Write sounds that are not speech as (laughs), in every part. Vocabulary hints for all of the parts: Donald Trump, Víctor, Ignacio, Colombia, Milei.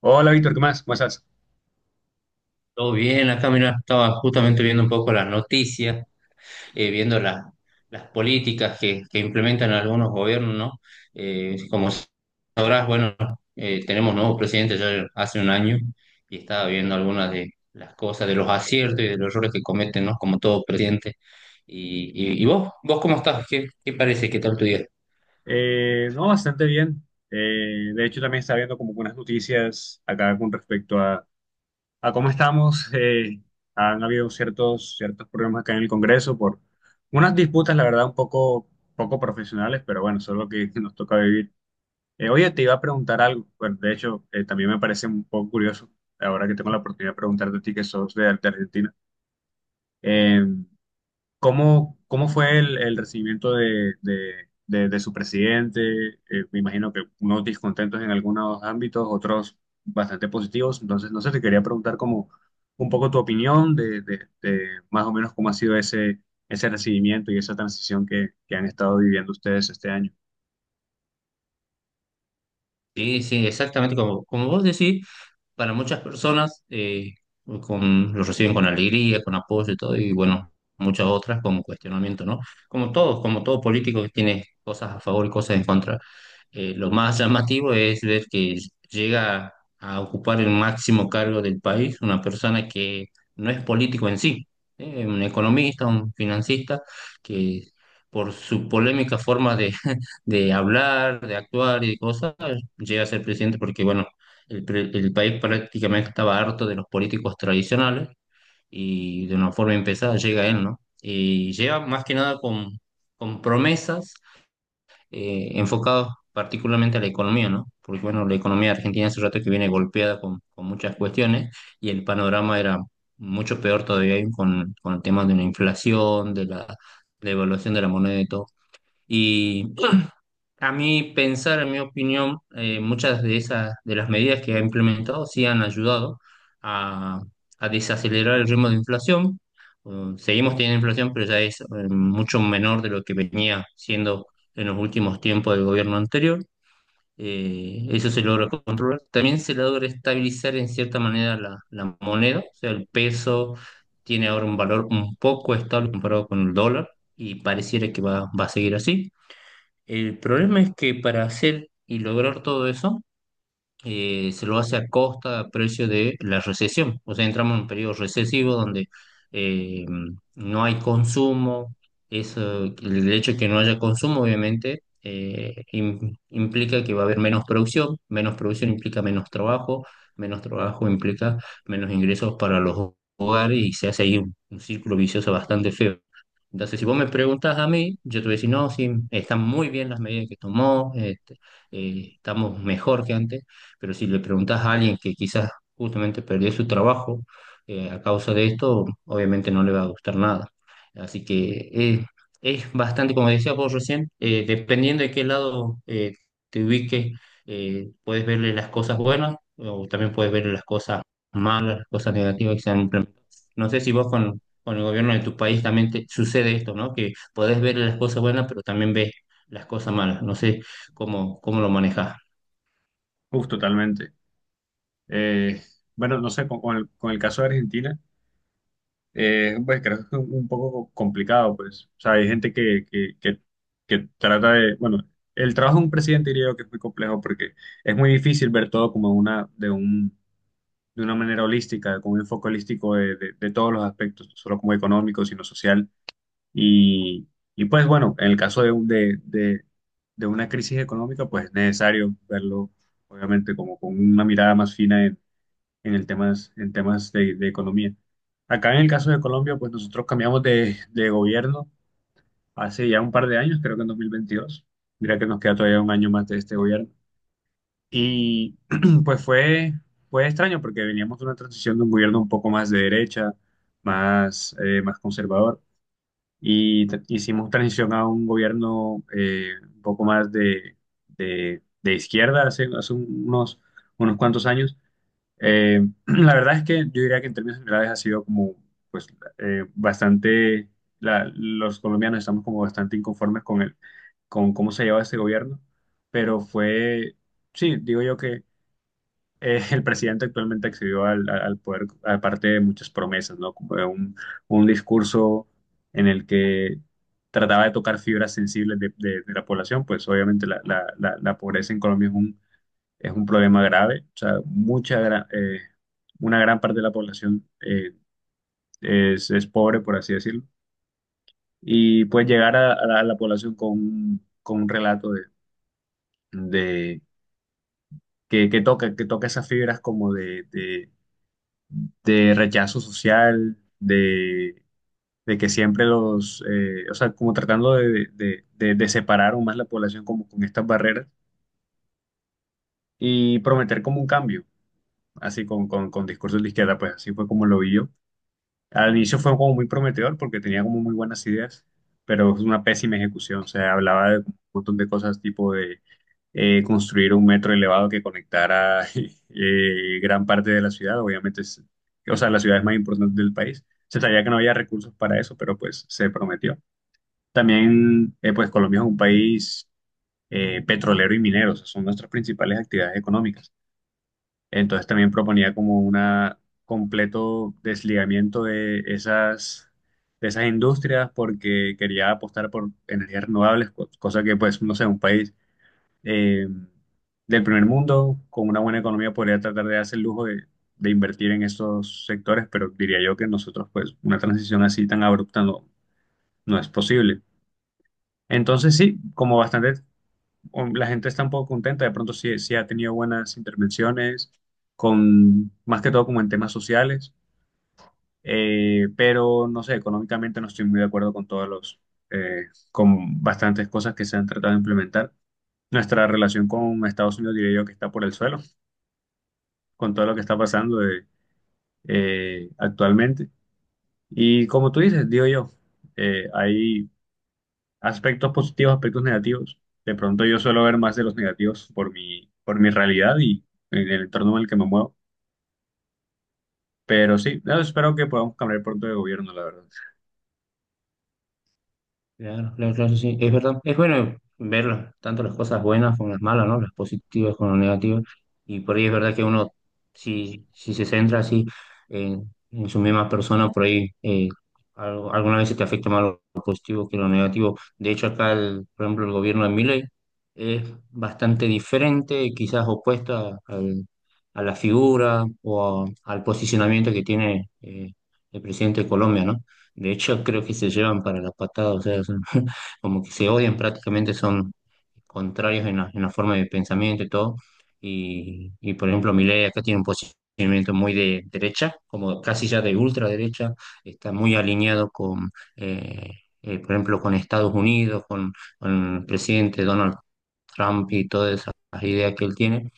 Hola Víctor, ¿qué más? ¿Cómo estás? Todo bien, acá mira, estaba justamente viendo un poco las noticias, viendo las políticas que implementan algunos gobiernos, ¿no? Como sabrás, bueno, tenemos nuevo presidente ya hace un año y estaba viendo algunas de las cosas, de los aciertos y de los errores que cometen, ¿no? Como todo presidente. ¿Y, vos, vos cómo estás? ¿Qué, qué parece? ¿Qué tal tu día? No, bastante bien. De hecho, también estaba viendo como unas noticias acá con respecto a cómo estamos. Han habido ciertos problemas acá en el Congreso por unas disputas, la verdad, poco profesionales, pero bueno, eso es lo que (laughs) nos toca vivir. Oye, te iba a preguntar algo. Bueno, de hecho, también me parece un poco curioso, ahora que tengo la oportunidad de preguntarte a ti que sos de Argentina. Eh, cómo fue el recibimiento de su presidente? Me imagino que unos discontentos en algunos ámbitos, otros bastante positivos. Entonces, no sé, te quería preguntar como un poco tu opinión de más o menos cómo ha sido ese recibimiento y esa transición que han estado viviendo ustedes este año. Sí, sí, exactamente como, como vos decís. Para muchas personas con, lo reciben con alegría, con apoyo y todo, y bueno, muchas otras con cuestionamiento, ¿no? Como todos, como todo político que tiene cosas a favor y cosas en contra. Lo más llamativo es ver que llega a ocupar el máximo cargo del país una persona que no es político en sí, un economista, un financista, que por su polémica forma de, (laughs) de hablar, de actuar y de cosas, llega a ser presidente porque, bueno, el país prácticamente estaba harto de los políticos tradicionales y de una forma empezada llega él, ¿no? Y llega más que nada con, con promesas enfocadas particularmente a la economía, ¿no? Porque bueno, la economía argentina hace rato que viene golpeada con muchas cuestiones y el panorama era mucho peor todavía ahí con el tema de la inflación, de la devaluación de la moneda y todo. A mí pensar, en mi opinión, muchas de esas, de las medidas que ha implementado sí han ayudado a, a desacelerar el ritmo de inflación. Seguimos teniendo inflación, pero ya es mucho menor de lo que venía siendo en los últimos tiempos del gobierno anterior. Eso se logra controlar. También se logra estabilizar en cierta manera la moneda, o sea, el peso tiene ahora un valor un poco estable comparado con el dólar y pareciera que va a seguir así. El problema es que para hacer y lograr todo eso, se lo hace a costa, a precio de la recesión. O sea, entramos en un periodo recesivo donde eh, no hay consumo. Eso, el hecho de que no haya consumo, obviamente, implica que va a haber menos producción. Menos producción implica menos trabajo. Menos trabajo implica menos ingresos para los hogares y se hace ahí un círculo vicioso bastante feo. Entonces, si vos me preguntas a mí, yo te voy a decir, no, sí, están muy bien las medidas que tomó, este, estamos mejor que antes, pero si le preguntas a alguien que quizás justamente perdió su trabajo a causa de esto, obviamente no le va a gustar nada. Así que es bastante, como decía vos recién, dependiendo de qué lado te ubiques, puedes verle las cosas buenas o también puedes verle las cosas malas, las cosas negativas que se han implementado. No sé si vos con el gobierno de tu país también te sucede esto, ¿no? Que podés ver las cosas buenas, pero también ves las cosas malas. No sé cómo, cómo lo manejas. Uf, totalmente. Eh, bueno, no sé, con el caso de Argentina. Pues creo que es un poco complicado, pues. O sea, hay gente que trata de, bueno, el trabajo de un presidente diría yo que es muy complejo porque es muy difícil ver todo como de una manera holística, con un enfoque holístico de todos los aspectos, no solo como económico, sino social. Y, y pues bueno, en el caso de, un- de una crisis económica, pues es necesario verlo, obviamente, como con una mirada más fina en en temas de economía. Acá en el caso de Colombia, pues nosotros cambiamos de gobierno hace ya un par de años, creo que en 2022. Mira que nos queda todavía un año más de este gobierno. Y (clears throat) pues fue, fue extraño porque veníamos de una transición de un gobierno un poco más de derecha, más, más conservador. Y hicimos transición a un gobierno un poco más de izquierda hace unos cuantos años. (clears throat) La verdad es que yo diría que en términos generales ha sido como, pues, bastante, los colombianos estamos como bastante inconformes con con cómo se lleva este gobierno, pero fue, sí, digo yo que (laughs) el presidente actualmente accedió al poder, aparte de muchas promesas, ¿no? Como de un discurso en el que trataba de tocar fibras sensibles de la población, pues obviamente la pobreza en Colombia es un problema grave. O sea, una gran parte de la población es pobre, por así decirlo. Y pues llegar a la población con un relato de- que toca esas fibras como de rechazo social, de que siempre los, o sea, como tratando de separar aún más la población como con estas barreras y prometer como un cambio, así con discursos de izquierda, pues así fue como lo vi yo. Al inicio fue como muy prometedor porque tenía como muy buenas ideas, pero es una pésima ejecución. O sea, hablaba de un montón de cosas tipo de construir un metro elevado que conectara (laughs) gran parte de la ciudad, obviamente, o sea, la ciudad es más importante del país. Se sabía que no había recursos para eso, pero pues se prometió. También, pues Colombia es un país petrolero y minero, o sea, son nuestras principales actividades económicas. Entonces también proponía como un completo desligamiento de esas industrias porque quería apostar por energías renovables, cosa que pues, no sé, un país eh, del primer mundo con una buena economía podría tratar de darse el lujo de invertir en esos sectores, pero diría yo que nosotros pues una transición así tan abrupta no es posible. Entonces sí, como bastante o la gente está un poco contenta, de pronto sí, sí ha tenido buenas intervenciones, con, más que todo como en temas sociales, pero no sé, económicamente no estoy muy de acuerdo con todos los, eh, con bastantes cosas que se han tratado de implementar. Nuestra relación con Estados Unidos diría yo que está por el suelo, con todo lo que está pasando actualmente. Y como tú dices, digo yo, hay aspectos positivos, aspectos negativos. De pronto yo suelo ver más de los negativos por por mi realidad y en el entorno en el que me muevo. Pero sí, no, espero que podamos cambiar pronto de gobierno, la verdad. Claro, claro, claro, sí, sí. Es verdad. Es bueno ver tanto las cosas buenas como las malas, ¿no? Las positivas como las negativas. Y por ahí es verdad que uno, si, si se centra así en su misma persona, por ahí alguna vez se te afecta más lo positivo que lo negativo. De hecho, acá, por ejemplo, el gobierno de Milei es bastante diferente, quizás opuesta a la figura o al posicionamiento que tiene el presidente de Colombia, ¿no? De hecho, creo que se llevan para la patada, o sea, (laughs) como que se odian prácticamente, son contrarios en la forma de pensamiento y todo. Y, por ejemplo, Milei acá tiene un posicionamiento muy de derecha, como casi ya de ultraderecha, está muy alineado con, eh, por ejemplo, con Estados Unidos, con el presidente Donald Trump y todas esas ideas que él tiene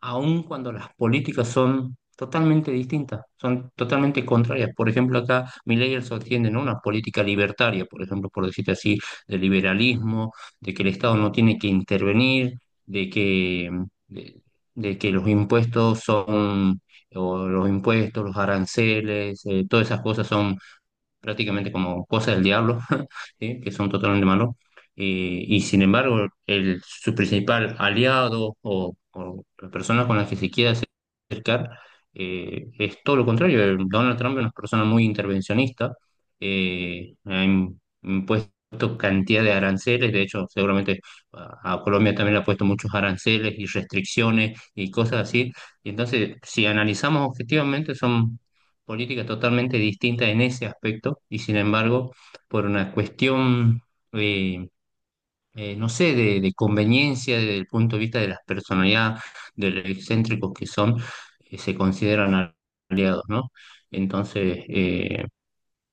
aun cuando las políticas son totalmente distintas, son totalmente contrarias. Por ejemplo, acá Milei él sostiene, ¿no? una política libertaria, por ejemplo, por decirte así, de liberalismo, de que el Estado no tiene que intervenir, de que, de, de que los impuestos son, o los impuestos, los aranceles, todas esas cosas son prácticamente como cosas del diablo, (laughs) ¿sí? que son totalmente malos. Y sin embargo, el, su principal aliado o la persona con la que se quiere acercar es todo lo contrario. El Donald Trump es una persona muy intervencionista, impuesto cantidad de aranceles, de hecho, seguramente a Colombia también le ha puesto muchos aranceles y restricciones y cosas así. Y entonces, si analizamos objetivamente, son política totalmente distinta en ese aspecto y sin embargo, por una cuestión, eh, no sé, de conveniencia desde el punto de vista de las personalidades, de los excéntricos que son, se consideran aliados, ¿no? Entonces, eh,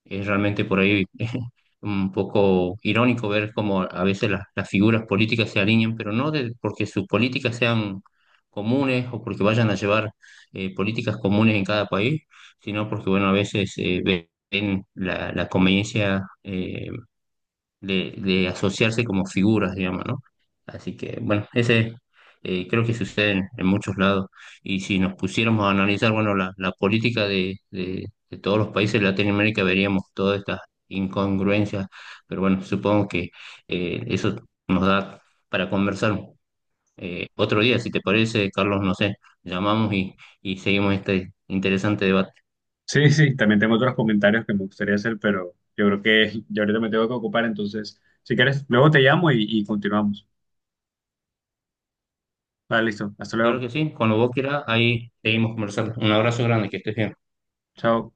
es realmente por ahí (laughs) un poco irónico ver cómo a veces las figuras políticas se alinean, pero no de- porque sus políticas sean comunes o porque vayan a llevar políticas comunes en cada país, sino porque, bueno, a veces ven la, la conveniencia de asociarse como figuras, digamos, ¿no? Así que, bueno, ese creo que sucede en muchos lados. Y si nos pusiéramos a analizar, bueno, la política de todos los países de Latinoamérica, veríamos todas estas incongruencias, pero bueno, supongo que eso nos da para conversar otro día, si te parece, Carlos, no sé, llamamos y seguimos este interesante debate. Sí, sí, también tengo otros comentarios que me gustaría hacer, pero yo creo que yo ahorita me tengo que ocupar, entonces, si quieres, luego te llamo y continuamos. Vale, listo. Hasta Claro que luego. sí, cuando vos quieras, ahí seguimos conversando. Un abrazo grande, que estés bien. Chao.